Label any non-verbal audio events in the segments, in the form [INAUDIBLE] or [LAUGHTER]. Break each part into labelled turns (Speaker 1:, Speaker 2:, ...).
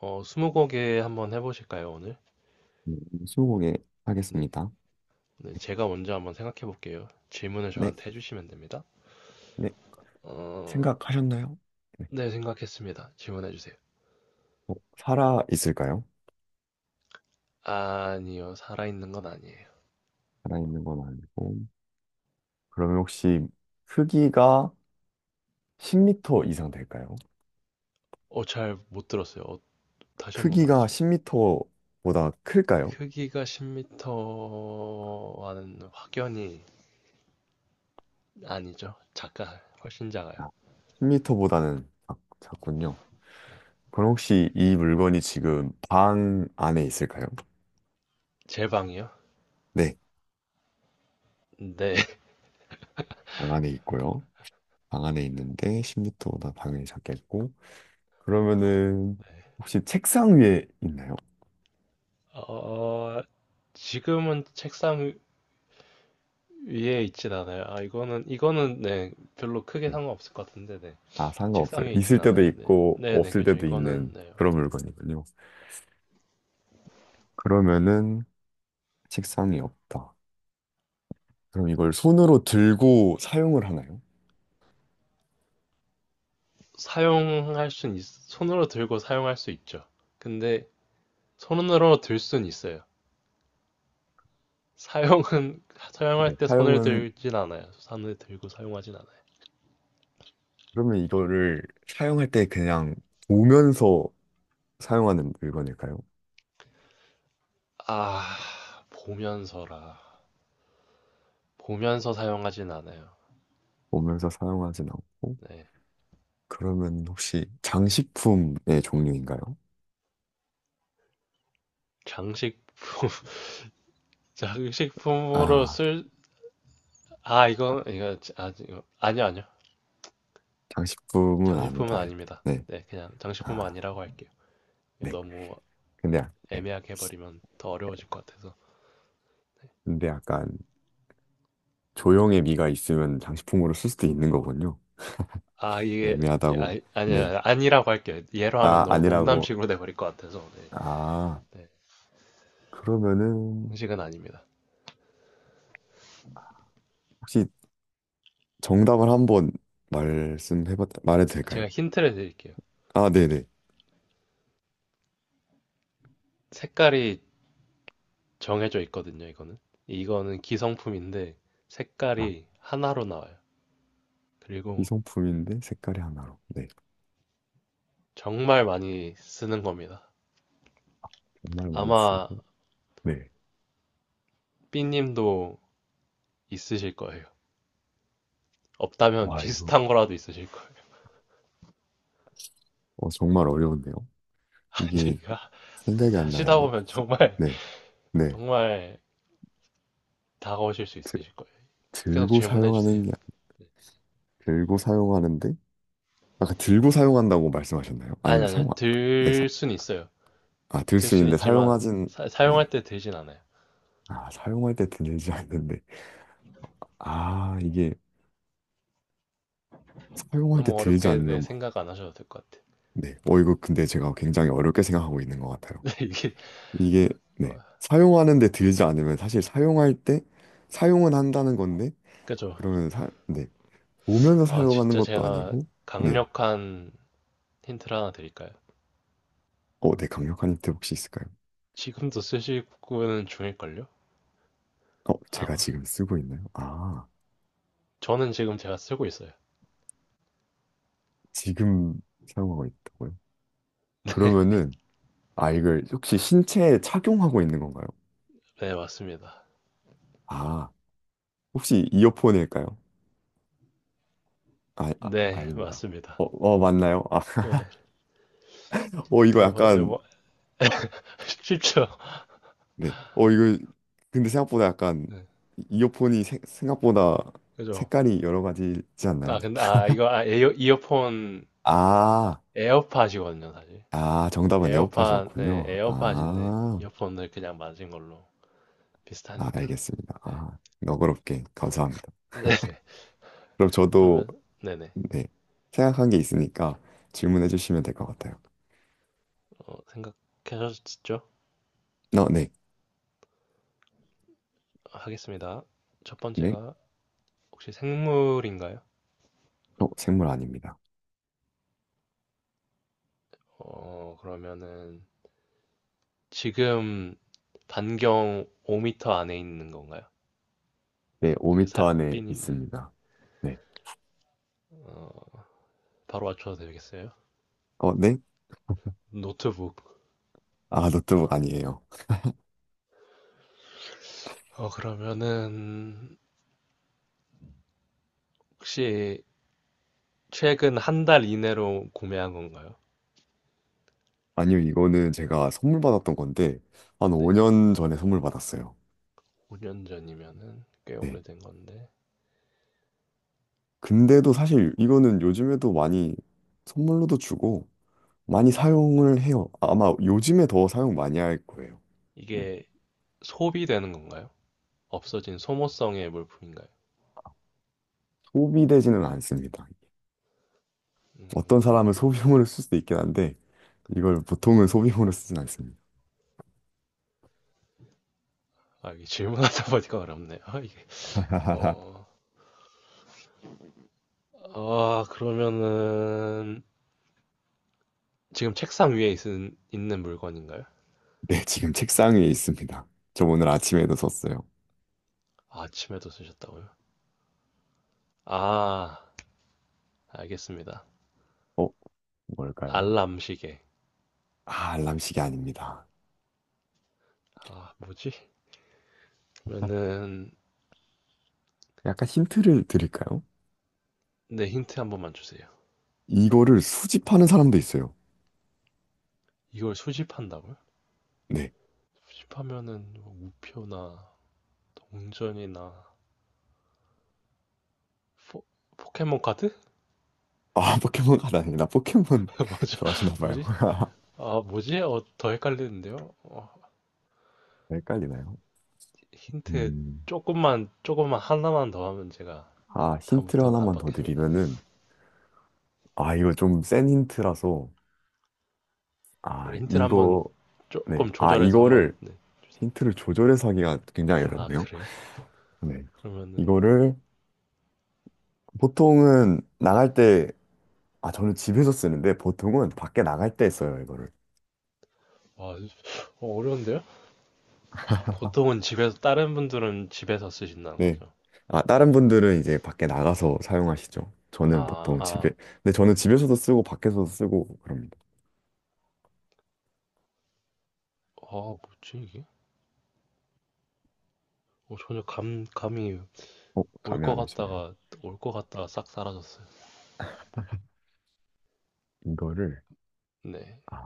Speaker 1: 스무고개 한번 해보실까요, 오늘?
Speaker 2: 네, 스무고개
Speaker 1: 네.
Speaker 2: 하겠습니다.
Speaker 1: 네, 제가 먼저 한번 생각해 볼게요. 질문을
Speaker 2: 네,
Speaker 1: 저한테 해주시면 됩니다.
Speaker 2: 네,
Speaker 1: 어,
Speaker 2: 생각하셨나요? 네.
Speaker 1: 네, 생각했습니다. 질문해 주세요.
Speaker 2: 살아 있을까요?
Speaker 1: 아니요, 살아있는 건 아니에요.
Speaker 2: 살아 있는 건 아니고. 그러면 혹시 크기가 10m 이상 될까요?
Speaker 1: 잘 못 들었어요. 다시 한번
Speaker 2: 크기가
Speaker 1: 말씀해.
Speaker 2: 10m보다 클까요?
Speaker 1: 크기가 10m와는 확연히 아니죠. 작아, 훨씬 작아요.
Speaker 2: 아, 10m보다는 작군요. 그럼 혹시 이 물건이 지금 방 안에 있을까요?
Speaker 1: 제 방이요?
Speaker 2: 네,
Speaker 1: 네. [LAUGHS]
Speaker 2: 방 안에 있고요. 방 안에 있는데 10m보다 당연히 작겠고.
Speaker 1: 어,
Speaker 2: 그러면은
Speaker 1: 네.
Speaker 2: 혹시 책상 위에 있나요?
Speaker 1: 어, 지금은 책상 위에 있진 않아요. 아, 이거는, 네, 별로 크게
Speaker 2: 네.
Speaker 1: 상관없을 것 같은데, 네.
Speaker 2: 아,
Speaker 1: 책상
Speaker 2: 상관없어요.
Speaker 1: 위에 있진
Speaker 2: 있을 때도
Speaker 1: 않아요, 네.
Speaker 2: 있고,
Speaker 1: 네네,
Speaker 2: 없을
Speaker 1: 그렇죠.
Speaker 2: 때도
Speaker 1: 이거는,
Speaker 2: 있는
Speaker 1: 네.
Speaker 2: 그런 물건이군요. 그러면은 책상이 없다. 그럼 이걸 손으로 들고 사용을 하나요?
Speaker 1: 손으로 들고 사용할 수 있죠. 근데, 손으로 들 순 있어요. 사용은, [LAUGHS]
Speaker 2: 네,
Speaker 1: 사용할 때 손을
Speaker 2: 사용은,
Speaker 1: 들진 않아요. 손을 들고 사용하진 않아요.
Speaker 2: 그러면 이거를 사용할 때 그냥 보면서 사용하는 물건일까요?
Speaker 1: 아, 보면서라. 보면서 사용하진 않아요.
Speaker 2: 보면서 사용하진 않고,
Speaker 1: 네.
Speaker 2: 그러면 혹시 장식품의 종류인가요?
Speaker 1: 장식품, [LAUGHS] 장식품으로
Speaker 2: 아,
Speaker 1: 쓸, 아, 아, 이거, 아니요, 아니요.
Speaker 2: 장식품은
Speaker 1: 장식품은
Speaker 2: 아니다.
Speaker 1: 아닙니다.
Speaker 2: 네.
Speaker 1: 네, 그냥 장식품은
Speaker 2: 아,
Speaker 1: 아니라고 할게요.
Speaker 2: 네.
Speaker 1: 너무
Speaker 2: 근데, 네.
Speaker 1: 애매하게 해버리면 더 어려워질 것 같아서. 네.
Speaker 2: 근데 약간 조형의 미가 있으면 장식품으로 쓸 수도 있는 거군요.
Speaker 1: 아, 이게,
Speaker 2: 애매하다고.
Speaker 1: 아,
Speaker 2: 네.
Speaker 1: 아니야, 아니라고 할게요. 예로 하면
Speaker 2: 아,
Speaker 1: 너무
Speaker 2: 아니라고.
Speaker 1: 농담식으로 돼버릴 것 같아서. 네,
Speaker 2: 아,
Speaker 1: 네,
Speaker 2: 그러면은
Speaker 1: 장식은 아닙니다.
Speaker 2: 혹시 정답을 한번 말씀해 봐 말해도 될까요?
Speaker 1: 제가 힌트를 드릴게요.
Speaker 2: 아, 네네.
Speaker 1: 색깔이 정해져 있거든요, 이거는. 이거는 기성품인데
Speaker 2: 아,
Speaker 1: 색깔이 하나로 나와요. 그리고
Speaker 2: 이성품인데 색깔이 하나로. 네.
Speaker 1: 정말 많이 쓰는 겁니다.
Speaker 2: 정말 많이
Speaker 1: 아마
Speaker 2: 쓰고. 네.
Speaker 1: 삐님도 있으실 거예요. 없다면
Speaker 2: 와, 이거
Speaker 1: 비슷한 거라도 있으실 거예요.
Speaker 2: 정말 어려운데요.
Speaker 1: [LAUGHS] 이
Speaker 2: 이게
Speaker 1: 가 아니,
Speaker 2: 생각이 안
Speaker 1: 하시다
Speaker 2: 나는데.
Speaker 1: 보면 정말,
Speaker 2: 네.
Speaker 1: [LAUGHS]
Speaker 2: 네.
Speaker 1: 정말 다가오실 수
Speaker 2: 드-
Speaker 1: 있으실 거예요. 계속
Speaker 2: 들고
Speaker 1: 질문해 주세요.
Speaker 2: 사용하는 게 들고 사용하는데 아까 들고 사용한다고 말씀하셨나요?
Speaker 1: 아니,
Speaker 2: 아니면
Speaker 1: 아니요.
Speaker 2: 사용 안- 네,
Speaker 1: 들 순 있어요.
Speaker 2: 아, 들
Speaker 1: 들
Speaker 2: 수
Speaker 1: 순
Speaker 2: 있는데
Speaker 1: 있지만,
Speaker 2: 사용하진, 네.
Speaker 1: 용할때 들진 않아요.
Speaker 2: 아, 사용할 때 들지 않는데. 아, 이게 사용할 때
Speaker 1: 너무
Speaker 2: 들지
Speaker 1: 어렵게 내
Speaker 2: 않는,
Speaker 1: 생각 안 하셔도 될 것 같아요.
Speaker 2: 네. 이거 근데 제가 굉장히 어렵게 생각하고 있는 것
Speaker 1: [LAUGHS]
Speaker 2: 같아요.
Speaker 1: 근데 이게,
Speaker 2: 이게,
Speaker 1: 어,
Speaker 2: 네. 사용하는데 들지 않으면 사실 사용할 때 사용은 한다는 건데,
Speaker 1: 그죠.
Speaker 2: 그러면 네. 보면서
Speaker 1: 아,
Speaker 2: 사용하는
Speaker 1: 진짜
Speaker 2: 것도
Speaker 1: 제가
Speaker 2: 아니고, 네.
Speaker 1: 강력한 힌트를 하나 드릴까요?
Speaker 2: 어, 네. 강력한 힌트 혹시 있을까요?
Speaker 1: 지금도 쓰시고는 중일걸요?
Speaker 2: 제가
Speaker 1: 아마.
Speaker 2: 지금 쓰고 있나요? 아,
Speaker 1: 저는 지금 제가 쓰고 있어요.
Speaker 2: 지금 사용하고 있다고요? 그러면은, 아, 이걸 혹시 신체에 착용하고 있는 건가요?
Speaker 1: 네, 맞습니다.
Speaker 2: 아. 혹시 이어폰일까요? 아,
Speaker 1: 네,
Speaker 2: 아닙니다.
Speaker 1: 맞습니다.
Speaker 2: 어, 맞나요? 아,
Speaker 1: 네.
Speaker 2: [LAUGHS] 이거
Speaker 1: 이번
Speaker 2: 약간,
Speaker 1: 뭐, [LAUGHS] 쉽죠?
Speaker 2: 네. 이거, 근데 생각보다 약간,
Speaker 1: 네,
Speaker 2: 이어폰이 생각보다
Speaker 1: 그죠.
Speaker 2: 색깔이 여러 가지지
Speaker 1: 아,
Speaker 2: 않나요?
Speaker 1: 근데, 아, 이거, 이어폰,
Speaker 2: 아,
Speaker 1: 에어팟이거든요, 사실.
Speaker 2: 아, 정답은
Speaker 1: 에어팟, 네,
Speaker 2: 에어팟이었군요.
Speaker 1: 에어팟인데,
Speaker 2: 아,
Speaker 1: 이어폰을 그냥 맞은 걸로
Speaker 2: 아,
Speaker 1: 비슷하니까.
Speaker 2: 알겠습니다.
Speaker 1: 네.
Speaker 2: 아, 너그럽게 감사합니다.
Speaker 1: 네. [LAUGHS]
Speaker 2: 그럼 저도,
Speaker 1: 그러면, 네네.
Speaker 2: 네. 생각한 게 있으니까 질문해 주시면 될 것 같아요.
Speaker 1: 어, 생각하셨죠?
Speaker 2: 어, 네.
Speaker 1: 하겠습니다. 첫
Speaker 2: 네.
Speaker 1: 번째가, 혹시 생물인가요?
Speaker 2: 생물 아닙니다.
Speaker 1: 그러면은, 지금 반경 5m 안에 있는 건가요?
Speaker 2: 네,
Speaker 1: 이게
Speaker 2: 5m 안에
Speaker 1: 삐님, 네.
Speaker 2: 있습니다. 네.
Speaker 1: 어, 바로 맞춰도 되겠어요?
Speaker 2: 어, 네.
Speaker 1: 노트북.
Speaker 2: 아, 노트북 아니에요.
Speaker 1: 그러면은, 혹시 최근 한 달 이내로 구매한 건가요?
Speaker 2: 아니요, 이거는 제가 선물 받았던 건데, 한
Speaker 1: 네.
Speaker 2: 5년 전에 선물 받았어요.
Speaker 1: 5년 전이면은 꽤
Speaker 2: 네.
Speaker 1: 오래된 건데.
Speaker 2: 근데도 사실 이거는 요즘에도 많이 선물로도 주고, 많이 사용을 해요. 아마 요즘에 더 사용 많이 할 거예요. 네.
Speaker 1: 이게 소비되는 건가요? 없어진 소모성의 물품인가요?
Speaker 2: 소비되지는 않습니다. 어떤 사람은
Speaker 1: 음,
Speaker 2: 소비용으로 쓸 수도 있긴 한데, 이걸 보통은 소비용으로 쓰진 않습니다.
Speaker 1: 아, 이게 질문하다 보니까 어렵네요. [LAUGHS] 이게,
Speaker 2: [LAUGHS]
Speaker 1: 어, 아, 그러면은 지금 책상 위에 있는 물건인가요?
Speaker 2: 네, 지금 책상 위에 있습니다. 저 오늘 아침에도 썼어요.
Speaker 1: 아, 아침에도 쓰셨다고요? 아, 알겠습니다.
Speaker 2: 어, 뭘까요?
Speaker 1: 알람 시계.
Speaker 2: 아, 알람시계 아닙니다.
Speaker 1: 아, 뭐지? 그러면은,
Speaker 2: 약간 힌트를 드릴까요?
Speaker 1: 네, 힌트 한 번만 주세요.
Speaker 2: 이거를 수집하는 사람도 있어요.
Speaker 1: 이걸 수집한다고요?
Speaker 2: 네.
Speaker 1: 수집하면은 뭐 우표나 동전이나 포, 포켓몬 카드?
Speaker 2: 아, 포켓몬 카드 아니라 포켓몬
Speaker 1: [LAUGHS]
Speaker 2: [LAUGHS]
Speaker 1: 뭐죠?
Speaker 2: 좋아하시나 봐요.
Speaker 1: 뭐지?
Speaker 2: [LAUGHS]
Speaker 1: 아, 뭐지? 어, 더 헷갈리는데요? 어,
Speaker 2: 헷갈리나요?
Speaker 1: 힌트
Speaker 2: 음.
Speaker 1: 조금만 하나만 더 하면 제가
Speaker 2: 아, 힌트를
Speaker 1: 다음부터는 안
Speaker 2: 하나만 더
Speaker 1: 받겠습니다. 네.
Speaker 2: 드리면은, 아, 이거 좀 센 힌트라서,
Speaker 1: 그럼
Speaker 2: 아,
Speaker 1: 힌트를 한번
Speaker 2: 이거, 네.
Speaker 1: 조금
Speaker 2: 아,
Speaker 1: 조절해서 한번,
Speaker 2: 이거를,
Speaker 1: 네.
Speaker 2: 힌트를 조절해서 하기가 굉장히
Speaker 1: 아,
Speaker 2: 어렵네요.
Speaker 1: 그래요?
Speaker 2: 네.
Speaker 1: 그러면은,
Speaker 2: 이거를 보통은 나갈 때, 아, 저는 집에서 쓰는데 보통은 밖에 나갈 때 써요,
Speaker 1: 와, 어, 어려운데요? 보통은 집에서, 다른 분들은 집에서 쓰신다는
Speaker 2: 네.
Speaker 1: 거죠.
Speaker 2: 아, 다른 분들은 이제 밖에 나가서 사용하시죠. 저는
Speaker 1: 아,
Speaker 2: 보통 집에,
Speaker 1: 아,
Speaker 2: 근데 저는 집에서도 쓰고 밖에서도 쓰고 그럽니다.
Speaker 1: 아, 뭐지 이게? 어, 전혀 감이 올
Speaker 2: 감이
Speaker 1: 것
Speaker 2: 안 오시네요.
Speaker 1: 같다가 올 것 같다가 싹 사라졌어요.
Speaker 2: 이거를,
Speaker 1: 네.
Speaker 2: 아,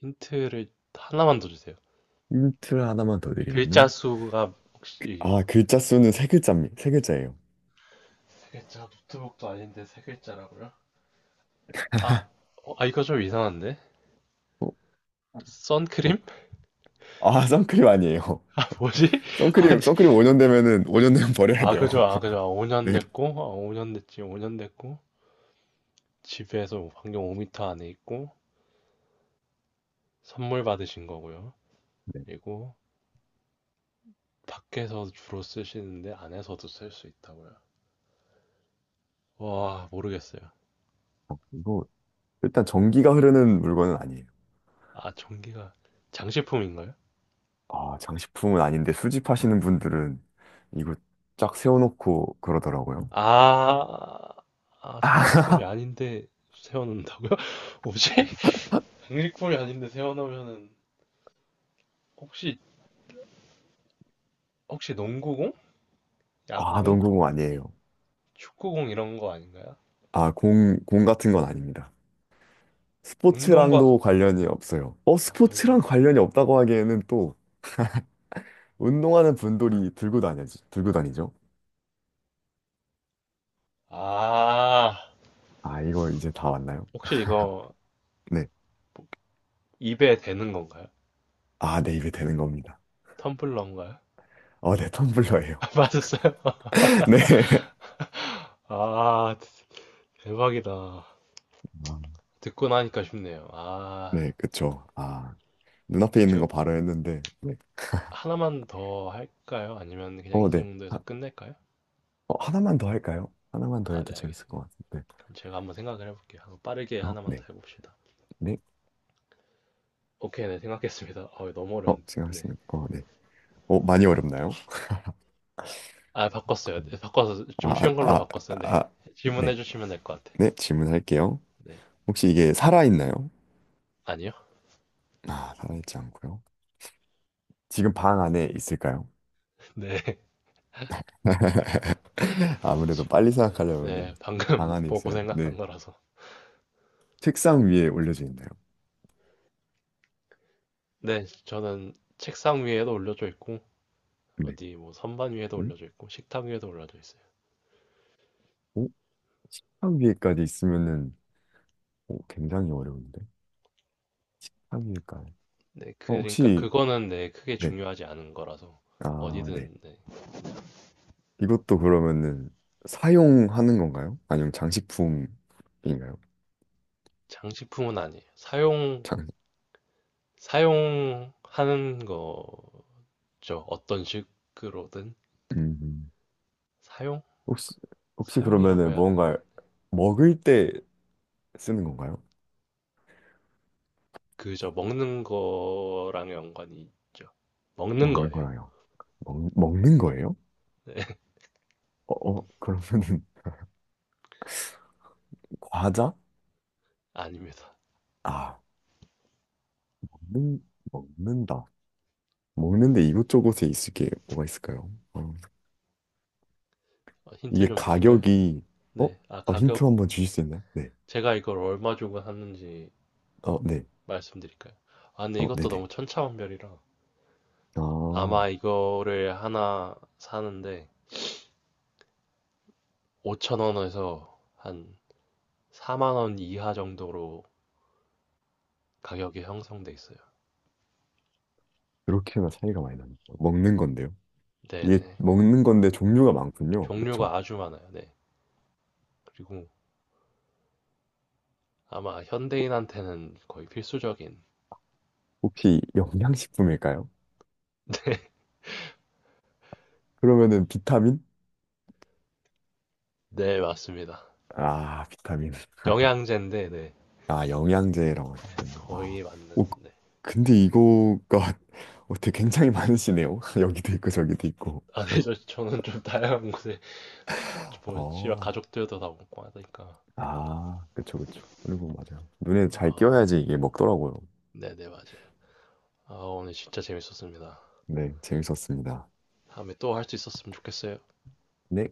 Speaker 1: 힌트를 하나만 더 주세요.
Speaker 2: 힌트 하나만 더
Speaker 1: 글자
Speaker 2: 드리면은,
Speaker 1: 수가 혹시
Speaker 2: 아, 글자 수는 세 글자입니다. 세 글자예요.
Speaker 1: 세 글자 노트북도 아닌데 세 글자라고요? 아, 어, 아 이거 좀 이상한데?
Speaker 2: 어, 어,
Speaker 1: 선크림?
Speaker 2: 아, 선크림 아니에요.
Speaker 1: [LAUGHS] 뭐지?
Speaker 2: [LAUGHS]
Speaker 1: [LAUGHS] 아니,
Speaker 2: 선크림 5년 되면은, 5년 되면 버려야
Speaker 1: 아
Speaker 2: 돼요.
Speaker 1: 그죠 아 그죠 아,
Speaker 2: [LAUGHS]
Speaker 1: 5년
Speaker 2: 네.
Speaker 1: 됐고 아, 5년 됐지 5년 됐고 집에서 반경 5m 안에 있고 선물 받으신 거고요.
Speaker 2: 네.
Speaker 1: 그리고 밖에서 주로 쓰시는데 안에서도 쓸 수 있다고요. 와 모르겠어요.
Speaker 2: 이거, 일단 전기가 흐르는 물건은 아니에요.
Speaker 1: 아 전기가 장식품인가요?
Speaker 2: 아, 장식품은 아닌데 수집하시는 분들은 이거 쫙 세워놓고 그러더라고요.
Speaker 1: 아, 아,
Speaker 2: [LAUGHS]
Speaker 1: 장식품이
Speaker 2: 아,
Speaker 1: 아닌데 세워놓는다고요? [LAUGHS] 뭐지? 장식품이 아닌데 세워놓으면은 혹시 혹시 농구공?
Speaker 2: 아,
Speaker 1: 야구공?
Speaker 2: 농구공 아니에요.
Speaker 1: 축구공 이런 거 아닌가요?
Speaker 2: 아, 공 같은 건 아닙니다.
Speaker 1: 운동과 그-
Speaker 2: 스포츠랑도 관련이 없어요.
Speaker 1: 아,
Speaker 2: 스포츠랑
Speaker 1: 관련이요.
Speaker 2: 관련이 없다고 하기에는 또 운동하는 분들이 들고 다니죠.
Speaker 1: 아,
Speaker 2: 아, 이거 이제 다 왔나요?
Speaker 1: 혹시 이거
Speaker 2: 네.
Speaker 1: 입에 대는 건가요?
Speaker 2: 아, 네, 이게 되는 겁니다.
Speaker 1: 텀블러인가요? [LAUGHS]
Speaker 2: 네, 텀블러예요.
Speaker 1: 아, 맞았어요?
Speaker 2: [LAUGHS] 네.
Speaker 1: [LAUGHS] 아, 대박이다.
Speaker 2: 아,
Speaker 1: 듣고 나니까 쉽네요. 아,
Speaker 2: 네, 그쵸. 아, 눈앞에
Speaker 1: 그럼
Speaker 2: 있는 거
Speaker 1: 제가
Speaker 2: 바로 했는데. 네.
Speaker 1: 하나만 더 할까요? 아니면 그냥
Speaker 2: 어,
Speaker 1: 이
Speaker 2: 네.
Speaker 1: 정도에서 끝낼까요?
Speaker 2: 하나만 더 할까요? 하나만 더
Speaker 1: 아, 네,
Speaker 2: 해도 재밌을 것
Speaker 1: 알겠습니다.
Speaker 2: 같은데.
Speaker 1: 그럼 제가 한번 생각을 해볼게요. 한번 빠르게
Speaker 2: 어,
Speaker 1: 하나만 더
Speaker 2: 네.
Speaker 1: 해봅시다.
Speaker 2: 네.
Speaker 1: 오케이, 네, 생각했습니다. [LAUGHS] 어, 너무 어려운데. 네.
Speaker 2: 생각했습니다. 어, 네. 많이 어렵나요?
Speaker 1: 아, 바꿨어요. 네, 바꿔서 좀
Speaker 2: 아,
Speaker 1: 쉬운 걸로
Speaker 2: 아,
Speaker 1: 바꿨어요. 네.
Speaker 2: 아,
Speaker 1: [LAUGHS] 질문해
Speaker 2: 네.
Speaker 1: 주시면 될 것 같아요.
Speaker 2: 네, 질문할게요.
Speaker 1: 네.
Speaker 2: 혹시 이게 살아있나요?
Speaker 1: 아니요?
Speaker 2: 아, 살아있지 않고요. 지금 방 안에 있을까요?
Speaker 1: [LAUGHS] 네.
Speaker 2: [LAUGHS] 아무래도 빨리
Speaker 1: 네.
Speaker 2: 생각하려면
Speaker 1: 네, 방금
Speaker 2: 방
Speaker 1: 네,
Speaker 2: 안에
Speaker 1: 보고
Speaker 2: 있어야 돼.
Speaker 1: 생각한
Speaker 2: 네.
Speaker 1: 거라서.
Speaker 2: 책상 위에 올려져 있나요?
Speaker 1: 네, 저는 책상 위에도 올려져 있고
Speaker 2: 네.
Speaker 1: 어디 뭐 선반 위에도
Speaker 2: 어?
Speaker 1: 올려져 있고 식탁 위에도 올려져 있어요.
Speaker 2: 어? 책상 위에까지 있으면은 굉장히 어려운데. 책상 위에까지.
Speaker 1: 네, 그러니까
Speaker 2: 혹시
Speaker 1: 그거는 네, 크게
Speaker 2: 네.
Speaker 1: 중요하지 않은 거라서
Speaker 2: 아, 네.
Speaker 1: 어디든 네,
Speaker 2: 이것도 그러면은 사용하는 건가요? 아니면 장식품인가요?
Speaker 1: 장식품은 아니에요.
Speaker 2: 장,
Speaker 1: 사용하는 거 죠 어떤 식으로든
Speaker 2: 음.
Speaker 1: 사용?
Speaker 2: 혹시, 혹시
Speaker 1: 사용이라고
Speaker 2: 그러면은
Speaker 1: 해야 되나요?
Speaker 2: 뭔가 먹을 때 쓰는 건가요?
Speaker 1: 그저 먹는 거랑 연관이 있죠. 먹는
Speaker 2: 먹는
Speaker 1: 거예요.
Speaker 2: 거라요. 먹는 거예요? 어, 그러면은 [LAUGHS] 과자?
Speaker 1: 아닙니다.
Speaker 2: 아, 먹는, 먹는다. 먹는데 이곳저곳에 있을 게 뭐가 있을까요?
Speaker 1: 어, 힌트
Speaker 2: 이게
Speaker 1: 좀 드릴까요?
Speaker 2: 가격이, 어?
Speaker 1: 네. 아,
Speaker 2: 힌트
Speaker 1: 가격.
Speaker 2: 한번 주실 수 있나요? 네.
Speaker 1: 제가 이걸 얼마 주고 샀는지
Speaker 2: 어, 네.
Speaker 1: 말씀드릴까요? 아, 근데
Speaker 2: 어,
Speaker 1: 이것도
Speaker 2: 네네.
Speaker 1: 너무 천차만별이라.
Speaker 2: 아,
Speaker 1: 아마 이거를 하나 사는데 5천원에서 한 4만 원 이하 정도로 가격이 형성돼 있어요.
Speaker 2: 그렇게나 차이가 많이 나는 거예요. 먹는 건데요. 이게
Speaker 1: 네네.
Speaker 2: 먹는 건데 종류가 많군요. 그렇죠?
Speaker 1: 종류가 아주 많아요. 네. 그리고 아마 현대인한테는 거의 필수적인.
Speaker 2: 혹시 영양식품일까요? 그러면은 비타민?
Speaker 1: 네, 맞습니다.
Speaker 2: 아, 비타민. [LAUGHS]
Speaker 1: 영양제인데, 네,
Speaker 2: 아, 영양제라고 하셨군요. 아,
Speaker 1: 거의 맞는.
Speaker 2: 오,
Speaker 1: 네.
Speaker 2: 근데 이거가 [LAUGHS] 어떻게 굉장히 많으시네요. [LAUGHS] 여기도 있고 저기도 있고.
Speaker 1: 아, 네,
Speaker 2: [LAUGHS]
Speaker 1: 저는 좀 다양한 곳에, 뭐, 씨발,
Speaker 2: 어,
Speaker 1: 가족들도 다 먹고 하니까.
Speaker 2: 아, 그쵸, 그쵸. 그리고 맞아요. 눈에 잘
Speaker 1: 어,
Speaker 2: 띄어야지 이게 먹더라고요.
Speaker 1: 네네, 맞아요. 아, 오늘 진짜 재밌었습니다.
Speaker 2: 네, 재밌었습니다.
Speaker 1: 다음에 또 할 수 있었으면 좋겠어요.
Speaker 2: 네.